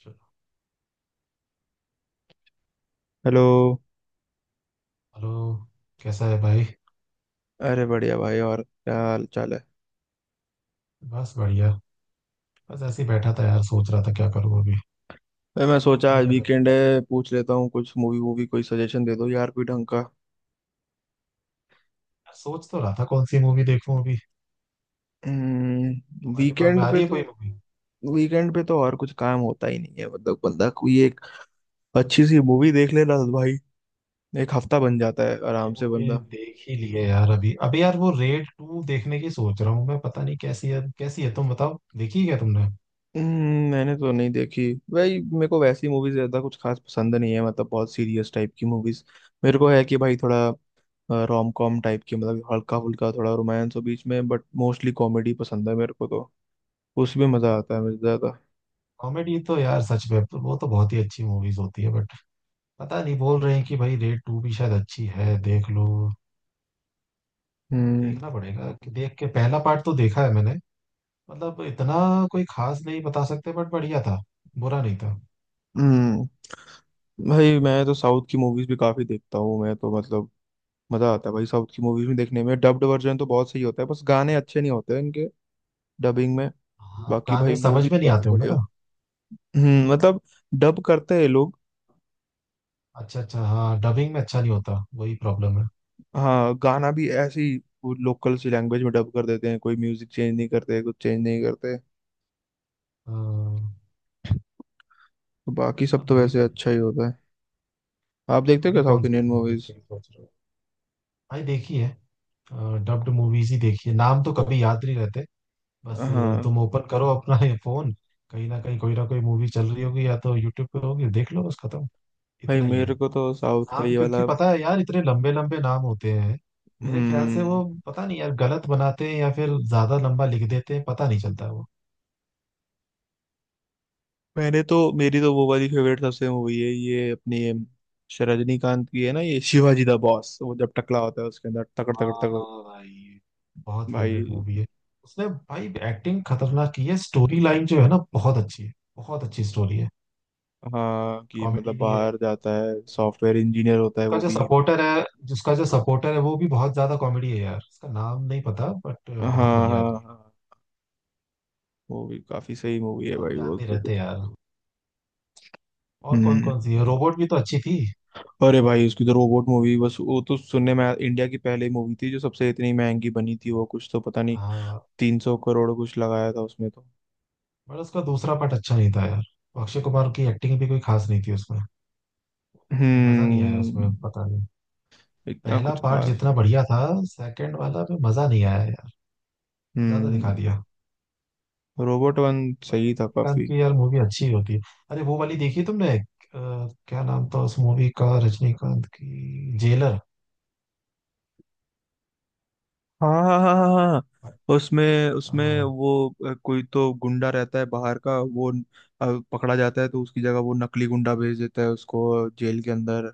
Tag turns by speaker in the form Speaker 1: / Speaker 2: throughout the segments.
Speaker 1: चलो।
Speaker 2: Hello.
Speaker 1: Hello. कैसा है भाई?
Speaker 2: अरे बढ़िया भाई, और क्या हाल चाल है।
Speaker 1: बस बढ़िया। बस ऐसे ही बैठा था यार, सोच रहा था क्या करूँ अभी।
Speaker 2: भाई मैं सोचा
Speaker 1: तुम
Speaker 2: आज
Speaker 1: क्या कर?
Speaker 2: वीकेंड है, पूछ लेता हूँ, कुछ मूवी वूवी कोई सजेशन दे दो यार कोई ढंग का।
Speaker 1: यार सोच तो रहा था कौन सी मूवी देखूं अभी।
Speaker 2: हम्म,
Speaker 1: तुम्हारे दिमाग में
Speaker 2: वीकेंड
Speaker 1: आ
Speaker 2: पे
Speaker 1: रही है
Speaker 2: तो
Speaker 1: कोई मूवी?
Speaker 2: वीकेंड पे तो और कुछ काम होता ही नहीं है, मतलब बंदा कोई एक अच्छी सी मूवी देख ले ना भाई। एक हफ्ता बन जाता है
Speaker 1: ये
Speaker 2: आराम से
Speaker 1: मूवी
Speaker 2: बंदा।
Speaker 1: देख ही ली है यार। अभी अभी यार वो रेड टू देखने की सोच रहा हूँ मैं। पता नहीं कैसी है, कैसी है तुम बताओ, देखी है क्या तुमने?
Speaker 2: मैंने तो नहीं देखी। भाई मेरे को वैसी मूवीज ज्यादा कुछ खास पसंद नहीं है, मतलब बहुत सीरियस टाइप की मूवीज। मेरे को है कि भाई थोड़ा रोम कॉम टाइप की, मतलब हल्का फुल्का थोड़ा रोमांस हो बीच में, बट मोस्टली कॉमेडी पसंद है मेरे को तो। उसमें मजा आता है मुझे ज्यादा।
Speaker 1: कॉमेडी तो यार सच में तो वो तो बहुत ही अच्छी मूवीज होती है बट पता नहीं, बोल रहे हैं कि भाई रेड टू भी शायद अच्छी है, देख लो।
Speaker 2: हम्म,
Speaker 1: देखना पड़ेगा कि देख के। पहला पार्ट तो देखा है मैंने, मतलब इतना कोई खास नहीं बता सकते बट बढ़िया था, बुरा नहीं था।
Speaker 2: हम्म। भाई मैं तो साउथ की मूवीज भी काफी देखता हूँ मैं तो, मतलब मजा आता है भाई साउथ की मूवीज में देखने में। डब्ड वर्जन तो बहुत सही होता है, बस गाने अच्छे नहीं होते हैं इनके डबिंग में।
Speaker 1: हाँ,
Speaker 2: बाकी भाई
Speaker 1: गाने समझ
Speaker 2: मूवी
Speaker 1: में
Speaker 2: तो
Speaker 1: नहीं
Speaker 2: काफी
Speaker 1: आते होंगे
Speaker 2: बढ़िया।
Speaker 1: ना।
Speaker 2: मतलब डब करते हैं लोग।
Speaker 1: अच्छा अच्छा, हाँ डबिंग में अच्छा नहीं होता, वही प्रॉब्लम है।
Speaker 2: हाँ, गाना भी ऐसे ही वो लोकल सी लैंग्वेज में डब कर देते हैं, कोई म्यूजिक चेंज नहीं करते, कुछ चेंज नहीं करते।
Speaker 1: हाँ।
Speaker 2: तो बाकी सब
Speaker 1: अब
Speaker 2: तो
Speaker 1: भाई
Speaker 2: वैसे
Speaker 1: क्या
Speaker 2: अच्छा ही
Speaker 1: होता है।
Speaker 2: होता है। आप देखते हो
Speaker 1: अभी
Speaker 2: क्या साउथ
Speaker 1: कौन सी
Speaker 2: इंडियन
Speaker 1: मूवी
Speaker 2: मूवीज?
Speaker 1: देखने की सोच रहे हो? भाई देखी है, डब्ड मूवीज ही देखी है, नाम तो कभी याद नहीं रहते। बस
Speaker 2: हाँ
Speaker 1: तुम ओपन करो अपना ये फोन। कहीं ना कहीं कोई ना कोई मूवी चल रही होगी, या तो यूट्यूब पे होगी, देख लो बस खत्म।
Speaker 2: भाई,
Speaker 1: इतना ही है।
Speaker 2: मेरे को तो साउथ का
Speaker 1: नाम
Speaker 2: ये
Speaker 1: क्योंकि
Speaker 2: वाला,
Speaker 1: पता है यार, इतने लंबे लंबे नाम होते हैं। मेरे ख्याल से
Speaker 2: हम्म
Speaker 1: वो पता नहीं यार, गलत बनाते हैं या फिर ज्यादा लंबा लिख देते हैं, पता नहीं चलता है वो।
Speaker 2: मैंने तो, मेरी तो वो वाली फेवरेट सबसे मूवी है ये अपनी, रजनीकांत की है ना ये शिवाजी द बॉस, वो जब टकला होता है उसके अंदर तकड़ तकड़ तकड़।
Speaker 1: हाँ भाई, बहुत फेवरेट
Speaker 2: भाई
Speaker 1: मूवी है। उसने भाई एक्टिंग खतरनाक की है, स्टोरी लाइन जो है ना, बहुत अच्छी है। बहुत अच्छी स्टोरी है।
Speaker 2: हाँ, कि
Speaker 1: कॉमेडी
Speaker 2: मतलब
Speaker 1: भी है।
Speaker 2: बाहर जाता है सॉफ्टवेयर इंजीनियर होता है
Speaker 1: उसका
Speaker 2: वो
Speaker 1: जो
Speaker 2: भी।
Speaker 1: सपोर्टर है जिसका जो सपोर्टर है, वो भी बहुत ज्यादा कॉमेडी है यार, उसका नाम नहीं पता बट
Speaker 2: हाँ
Speaker 1: बहुत
Speaker 2: हाँ
Speaker 1: बढ़िया आदमी है।
Speaker 2: हाँ, वो भी काफी सही मूवी है
Speaker 1: आप
Speaker 2: भाई
Speaker 1: याद
Speaker 2: वो
Speaker 1: नहीं
Speaker 2: तो, तो।
Speaker 1: रहते यार। और कौन
Speaker 2: हम्म
Speaker 1: कौन सी है, रोबोट भी तो अच्छी थी।
Speaker 2: अरे भाई उसकी तो रोबोट मूवी, बस वो तो इंडिया की पहली मूवी थी जो सबसे इतनी महंगी बनी थी, वो कुछ तो पता नहीं।
Speaker 1: हाँ।
Speaker 2: 300 करोड़ कुछ लगाया था उसमें तो।
Speaker 1: बट उसका दूसरा पार्ट अच्छा नहीं था यार। अक्षय कुमार की एक्टिंग भी कोई खास नहीं थी उसमें, कुछ मजा नहीं आया उसमें,
Speaker 2: हम्म
Speaker 1: पता नहीं।
Speaker 2: इतना
Speaker 1: पहला
Speaker 2: कुछ
Speaker 1: पार्ट
Speaker 2: खास।
Speaker 1: जितना बढ़िया था, सेकंड वाला में मजा नहीं आया यार, ज्यादा दिखा
Speaker 2: हम्म
Speaker 1: दिया।
Speaker 2: रोबोट वन सही था
Speaker 1: रजनीकांत
Speaker 2: काफी।
Speaker 1: की यार मूवी अच्छी होती है। अरे वो वाली देखी तुमने क्या नाम था उस मूवी का, रजनीकांत की जेलर।
Speaker 2: हाँ हाँ हाँ हाँ हाँ। उसमें उसमें
Speaker 1: अ,
Speaker 2: वो कोई तो गुंडा रहता है बाहर का, वो पकड़ा जाता है, तो उसकी जगह वो नकली गुंडा भेज देता है उसको जेल के अंदर।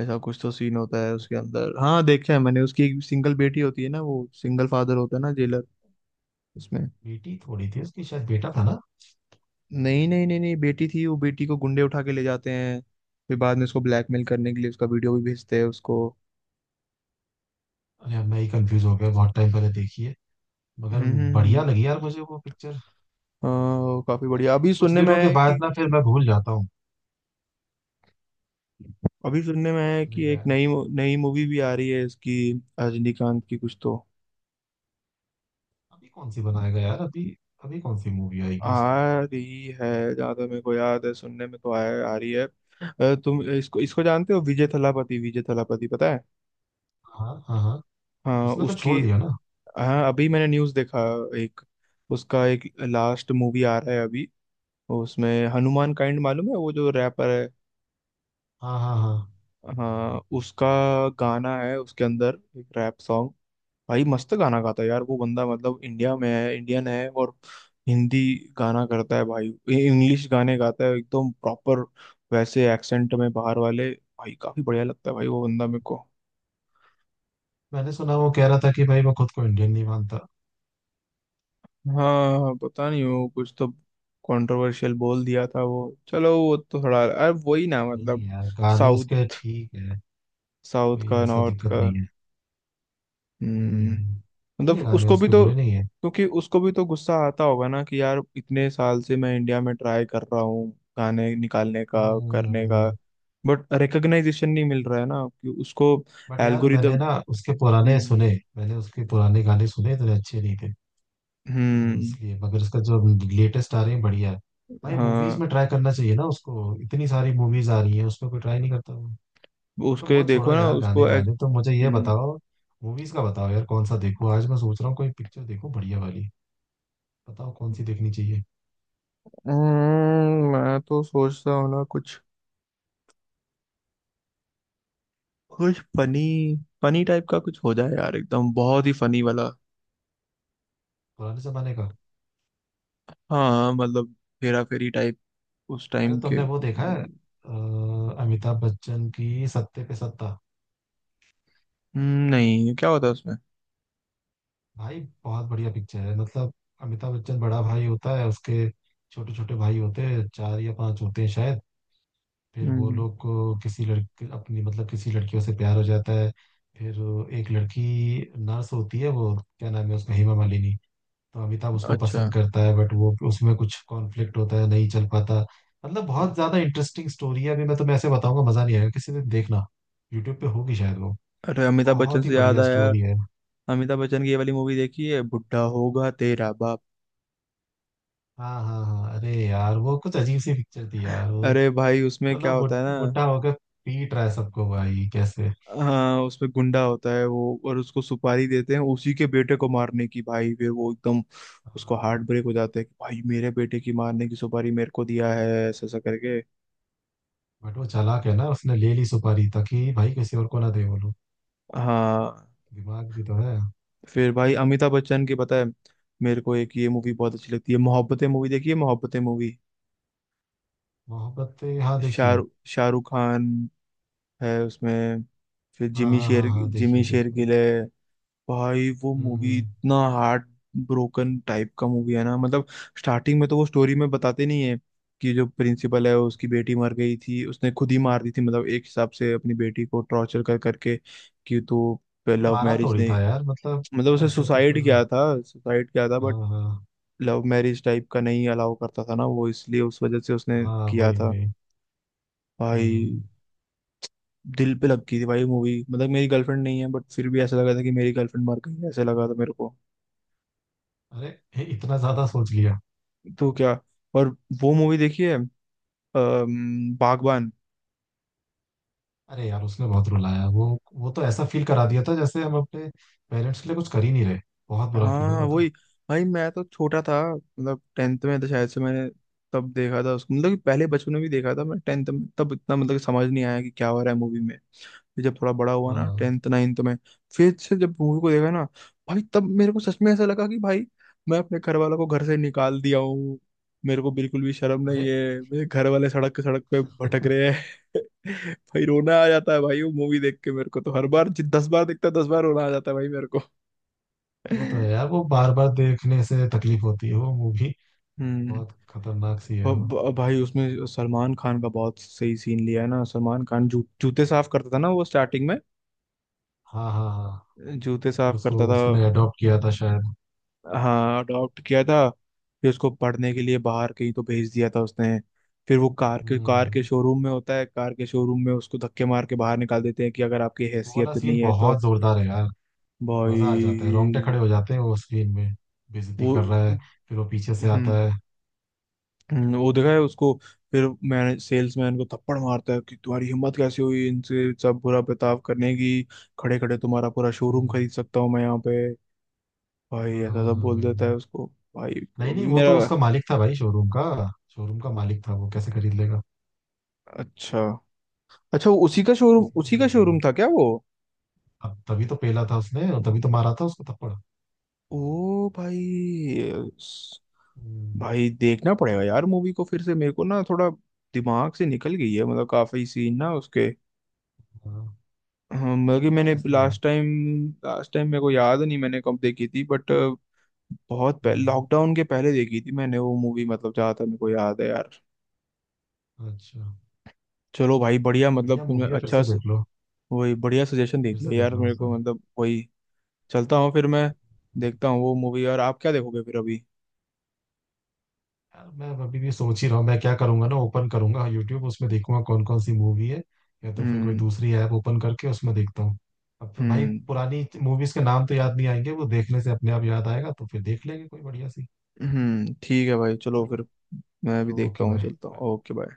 Speaker 2: ऐसा कुछ तो सीन होता है
Speaker 1: वो
Speaker 2: उसके अंदर। हाँ देखा है मैंने, उसकी एक सिंगल बेटी होती है ना, वो सिंगल फादर होता है ना जेलर उसमें।
Speaker 1: बेटी थोड़ी थी उसकी, शायद बेटा था ना।
Speaker 2: नहीं नहीं नहीं नहीं, बेटी थी, वो बेटी को गुंडे उठा के ले जाते हैं। फिर बाद में उसको ब्लैकमेल करने के लिए उसका वीडियो भी भेजते हैं उसको।
Speaker 1: अरे अब मैं ही कंफ्यूज हो गया, बहुत टाइम पहले देखी है मगर।
Speaker 2: हम्म हम्म,
Speaker 1: बढ़िया
Speaker 2: हम्म।
Speaker 1: लगी यार मुझे वो पिक्चर।
Speaker 2: हाँ, काफी बढ़िया। अभी
Speaker 1: कुछ
Speaker 2: सुनने में
Speaker 1: दिनों
Speaker 2: आया
Speaker 1: के
Speaker 2: है कि
Speaker 1: बाद ना फिर मैं भूल जाता हूँ। क्या सुनने
Speaker 2: एक
Speaker 1: गया?
Speaker 2: नई मूवी भी आ रही है इसकी, रजनीकांत की कुछ तो
Speaker 1: अभी कौन सी बनाएगा यार अभी? अभी कौन सी मूवी आएगी उसकी?
Speaker 2: आ रही है। जहाँ तक मेरे को याद है, सुनने में तो आया, आ रही है। तुम इसको इसको जानते हो, विजय थलापति, विजय थलापति पता है?
Speaker 1: हाँ हाँ हाँ।
Speaker 2: हाँ
Speaker 1: उसने तो छोड़
Speaker 2: उसकी,
Speaker 1: दिया ना।
Speaker 2: हाँ, अभी मैंने न्यूज़ देखा, एक उसका एक लास्ट मूवी आ रहा है अभी। उसमें हनुमान काइंड मालूम है, वो जो रैपर है।
Speaker 1: हाँ हाँ हाँ।
Speaker 2: हाँ, उसका गाना है उसके अंदर, एक रैप सॉन्ग। भाई मस्त गाना गाता है यार वो बंदा, मतलब इंडिया में है, इंडियन है, और हिंदी गाना करता है भाई, इंग्लिश गाने गाता है एकदम प्रॉपर। वैसे एक्सेंट में बाहर वाले, भाई काफी बढ़िया लगता है भाई वो बंदा मेरे को।
Speaker 1: मैंने सुना वो कह रहा था कि भाई मैं खुद को इंडियन नहीं मानता।
Speaker 2: हाँ, पता नहीं वो कुछ तो कंट्रोवर्शियल बोल दिया था वो, चलो, वो तो थोड़ा, अरे वही ना,
Speaker 1: नहीं नहीं
Speaker 2: मतलब
Speaker 1: यार, गाने उसके
Speaker 2: साउथ
Speaker 1: ठीक है,
Speaker 2: साउथ
Speaker 1: कोई
Speaker 2: का,
Speaker 1: ऐसा
Speaker 2: नॉर्थ
Speaker 1: दिक्कत
Speaker 2: का।
Speaker 1: नहीं है।
Speaker 2: हम्म
Speaker 1: हम्म। सही है,
Speaker 2: मतलब
Speaker 1: गाने
Speaker 2: उसको भी
Speaker 1: उसके
Speaker 2: तो,
Speaker 1: बुरे नहीं है।
Speaker 2: क्योंकि उसको भी तो गुस्सा आता होगा ना, कि यार इतने साल से मैं इंडिया में ट्राई कर रहा हूँ गाने निकालने का, करने का,
Speaker 1: हम्म।
Speaker 2: बट रिकग्नाइजेशन नहीं मिल रहा है ना, कि उसको
Speaker 1: बट यार
Speaker 2: एल्गोरिदम। हम्म,
Speaker 1: मैंने उसके पुराने गाने सुने, इतने अच्छे नहीं थे। तो
Speaker 2: हम्म।
Speaker 1: इसलिए मगर, उसका जो लेटेस्ट आ रहे हैं बढ़िया है। भाई मूवीज
Speaker 2: हाँ,
Speaker 1: में ट्राई करना चाहिए ना उसको, इतनी सारी मूवीज आ रही है, उसमें कोई ट्राई नहीं करता। तो
Speaker 2: उसके
Speaker 1: वो छोड़ो
Speaker 2: देखो ना,
Speaker 1: यार, गाने
Speaker 2: उसको
Speaker 1: वाने तो, मुझे ये
Speaker 2: हम्म,
Speaker 1: बताओ, मूवीज का बताओ यार कौन सा देखूं। आज मैं सोच रहा हूँ कोई पिक्चर देखूं बढ़िया वाली, बताओ कौन सी देखनी चाहिए।
Speaker 2: मैं तो सोचता हूँ ना कुछ, कुछ फनी, फनी टाइप का कुछ हो जाए यार, एकदम बहुत ही फनी वाला।
Speaker 1: पुराने जमाने का।
Speaker 2: हाँ, मतलब हेरा फेरी टाइप, उस
Speaker 1: अरे
Speaker 2: टाइम के
Speaker 1: तुमने वो
Speaker 2: कुछ
Speaker 1: देखा है
Speaker 2: मूवी।
Speaker 1: अमिताभ बच्चन की सत्ते पे सत्ता?
Speaker 2: नहीं, क्या होता है उसमें?
Speaker 1: भाई बहुत बढ़िया पिक्चर है। मतलब अमिताभ बच्चन बड़ा भाई होता है, उसके छोटे छोटे भाई होते हैं, चार या पांच होते हैं शायद। फिर वो
Speaker 2: हम्म,
Speaker 1: लोग को किसी लड़की, अपनी मतलब, किसी लड़कियों से प्यार हो जाता है। फिर एक लड़की, नर्स होती है वो, क्या नाम है उसका, हेमा मालिनी। तो अमिताभ उसको
Speaker 2: अच्छा।
Speaker 1: पसंद करता है बट वो उसमें कुछ कॉन्फ्लिक्ट होता है, नहीं चल पाता। मतलब बहुत ज्यादा इंटरेस्टिंग स्टोरी है, अभी मैं तुम्हें ऐसे बताऊंगा मजा नहीं आएगा, किसी दिन देखना। यूट्यूब पे होगी शायद वो।
Speaker 2: अरे अमिताभ बच्चन
Speaker 1: बहुत ही
Speaker 2: से याद
Speaker 1: बढ़िया
Speaker 2: आया,
Speaker 1: स्टोरी है।
Speaker 2: अमिताभ बच्चन की ये वाली मूवी देखी है, बुढ़ा होगा तेरा बाप?
Speaker 1: हाँ हाँ हाँ, अरे यार वो कुछ अजीब सी पिक्चर थी यार वो।
Speaker 2: अरे भाई उसमें क्या
Speaker 1: मतलब
Speaker 2: होता है ना,
Speaker 1: बुढ़ा होकर पीट रहा है सबको भाई, कैसे?
Speaker 2: हाँ उसमें गुंडा होता है वो, और उसको सुपारी देते हैं उसी के बेटे को मारने की। भाई फिर वो एकदम, उसको हार्ट ब्रेक हो जाता है कि भाई मेरे बेटे की मारने की सुपारी मेरे को दिया है, ऐसा ऐसा करके।
Speaker 1: बट वो चालाक है ना, उसने ले ली सुपारी ताकि भाई किसी और को ना दे, बोलो।
Speaker 2: हाँ,
Speaker 1: दिमाग भी तो है।
Speaker 2: फिर भाई अमिताभ बच्चन की, पता है, मेरे को एक ये मूवी बहुत अच्छी लगती है, मोहब्बतें मूवी देखी है, मोहब्बतें मूवी।
Speaker 1: मोहब्बत। हाँ देखिए।
Speaker 2: शाहरुख शाहरुख खान है उसमें, फिर
Speaker 1: हाँ हाँ हाँ हाँ,
Speaker 2: जिमी
Speaker 1: देखिए देखिए।
Speaker 2: शेरगिल है। भाई वो
Speaker 1: हम्म
Speaker 2: मूवी
Speaker 1: हम्म।
Speaker 2: इतना हार्ट ब्रोकन टाइप का मूवी है ना, मतलब स्टार्टिंग में तो वो स्टोरी में बताते नहीं है कि जो प्रिंसिपल है उसकी बेटी मर गई थी, उसने खुद ही मार दी थी, मतलब एक हिसाब से अपनी बेटी को टॉर्चर कर करके कि तू लव
Speaker 1: मारा
Speaker 2: मैरिज
Speaker 1: थोड़ी
Speaker 2: नहीं,
Speaker 1: था यार, मतलब।
Speaker 2: मतलब उसे
Speaker 1: ऐसे तो फिर।
Speaker 2: सुसाइड किया था,
Speaker 1: हाँ
Speaker 2: बट
Speaker 1: हाँ
Speaker 2: लव मैरिज टाइप का नहीं अलाउ करता था ना वो, इसलिए, उस वजह से उसने
Speaker 1: हाँ
Speaker 2: किया
Speaker 1: वही
Speaker 2: था।
Speaker 1: वही।
Speaker 2: भाई
Speaker 1: हम्म।
Speaker 2: दिल पे लग गई थी भाई मूवी, मतलब मेरी गर्लफ्रेंड नहीं है, बट फिर भी ऐसा लगा था कि मेरी गर्लफ्रेंड मर गई, ऐसा लगा था मेरे को।
Speaker 1: अरे, हे, इतना ज्यादा सोच लिया।
Speaker 2: तो क्या, और वो मूवी देखी है, बागबान?
Speaker 1: अरे यार उसने बहुत रुलाया वो। वो तो ऐसा फील करा दिया था जैसे हम अपने पेरेंट्स के लिए कुछ कर ही नहीं रहे। बहुत बुरा फील हो
Speaker 2: हाँ
Speaker 1: रहा था।
Speaker 2: वही। भाई मैं तो छोटा था, मतलब टेंथ में था शायद, से मैंने तब देखा था उसको, मतलब कि पहले बचपन में भी देखा था मैं टेंथ में, तब इतना, मतलब कि समझ नहीं आया कि क्या हो रहा है मूवी में। फिर जब थोड़ा बड़ा हुआ ना,
Speaker 1: हाँ,
Speaker 2: टेंथ नाइन्थ में, फिर से जब मूवी को देखा ना, भाई तब मेरे को सच में ऐसा लगा कि भाई मैं अपने घर वालों को घर से निकाल दिया हूँ, मेरे को बिल्कुल भी शर्म नहीं
Speaker 1: अरे
Speaker 2: है, मेरे घर वाले सड़क के सड़क पे भटक रहे हैं। भाई रोना आ जाता है भाई, वो मूवी देख के मेरे को तो हर बार, 10 बार देखता, 10 बार रोना आ जाता है भाई मेरे को।
Speaker 1: वो तो है यार, वो बार बार देखने से तकलीफ होती है वो मूवी।
Speaker 2: हम्म
Speaker 1: बहुत खतरनाक सी है वो।
Speaker 2: भाई उसमें सलमान खान का बहुत सही सीन लिया है ना, सलमान खान जूते साफ करता था ना वो स्टार्टिंग में,
Speaker 1: हाँ हाँ हाँ।
Speaker 2: जूते
Speaker 1: फिर
Speaker 2: साफ करता
Speaker 1: उसको
Speaker 2: था।
Speaker 1: उसने अडॉप्ट किया था शायद।
Speaker 2: हाँ अडॉप्ट किया था, फिर उसको पढ़ने के लिए बाहर कहीं तो भेज दिया था उसने। फिर वो कार के
Speaker 1: हम्म।
Speaker 2: शोरूम में होता है, कार के शोरूम में उसको धक्के मार के बाहर निकाल देते हैं कि अगर आपकी
Speaker 1: वो वाला
Speaker 2: हैसियत
Speaker 1: सीन
Speaker 2: नहीं है तो,
Speaker 1: बहुत जोरदार है यार,
Speaker 2: भाई
Speaker 1: मजा आ जाता है, रोंगटे खड़े हो जाते हैं। वो स्क्रीन में बेइज्जती
Speaker 2: वो
Speaker 1: कर रहा है, फिर वो पीछे से आता
Speaker 2: हम्म
Speaker 1: है।
Speaker 2: वो देखा है उसको। फिर मैंने, सेल्समैन को थप्पड़ मारता है कि तुम्हारी हिम्मत कैसे हुई इनसे सब बुरा बर्ताव करने की, खड़े खड़े तुम्हारा पूरा शोरूम
Speaker 1: हम्म।
Speaker 2: खरीद सकता हूँ मैं यहाँ पे, भाई
Speaker 1: हाँ
Speaker 2: ऐसा
Speaker 1: हाँ
Speaker 2: सब
Speaker 1: हाँ
Speaker 2: बोल
Speaker 1: वही
Speaker 2: देता है
Speaker 1: वही।
Speaker 2: उसको। भाई
Speaker 1: नहीं नहीं,
Speaker 2: अभी
Speaker 1: वो तो
Speaker 2: मेरा,
Speaker 1: उसका मालिक था भाई, शोरूम का। शोरूम का मालिक था, वो कैसे खरीद लेगा?
Speaker 2: अच्छा अच्छा, वो
Speaker 1: उसने
Speaker 2: उसी का
Speaker 1: नहीं
Speaker 2: शोरूम
Speaker 1: खरीदा।
Speaker 2: था क्या वो?
Speaker 1: अब तभी तो पेला था उसने, और तभी तो मारा था उसको थप्पड़।
Speaker 2: ओ भाई, स-
Speaker 1: हम्म,
Speaker 2: भाई देखना पड़ेगा यार मूवी को फिर से, मेरे को ना थोड़ा दिमाग से निकल गई है, मतलब काफी सीन ना उसके।
Speaker 1: हाँ। वो
Speaker 2: बल्कि
Speaker 1: यार
Speaker 2: मैंने
Speaker 1: ऐसा ही है।
Speaker 2: लास्ट टाइम मेरे को याद नहीं मैंने कब देखी थी, बट बहुत पहले,
Speaker 1: हम्म,
Speaker 2: लॉकडाउन के पहले देखी थी मैंने वो मूवी, मतलब जहाँ तक मेरे को याद है यार।
Speaker 1: अच्छा।
Speaker 2: चलो भाई बढ़िया, मतलब
Speaker 1: बढ़िया
Speaker 2: तुमने
Speaker 1: मूवी है, फिर
Speaker 2: अच्छा
Speaker 1: से देख लो,
Speaker 2: वही बढ़िया सजेशन दे
Speaker 1: फिर से
Speaker 2: दिया यार
Speaker 1: देखना
Speaker 2: मेरे को,
Speaker 1: उसे।
Speaker 2: मतलब वही। चलता हूँ फिर मैं, देखता हूँ वो मूवी। और आप क्या देखोगे फिर अभी?
Speaker 1: यार मैं अभी भी सोच ही रहा हूँ मैं क्या करूंगा, ना ओपन करूंगा यूट्यूब, उसमें देखूंगा कौन कौन सी मूवी है, या तो फिर कोई
Speaker 2: हम्म,
Speaker 1: दूसरी ऐप ओपन करके उसमें देखता हूँ। अब फिर भाई
Speaker 2: हम्म,
Speaker 1: पुरानी मूवीज के नाम तो याद नहीं आएंगे, वो देखने से अपने आप याद आएगा, तो फिर देख लेंगे कोई बढ़िया सी,
Speaker 2: हम्म, ठीक है भाई, चलो
Speaker 1: है ना?
Speaker 2: फिर, मैं भी
Speaker 1: चलो
Speaker 2: देखता
Speaker 1: ओके
Speaker 2: हूँ, चलता
Speaker 1: भाई।
Speaker 2: हूँ, ओके बाय।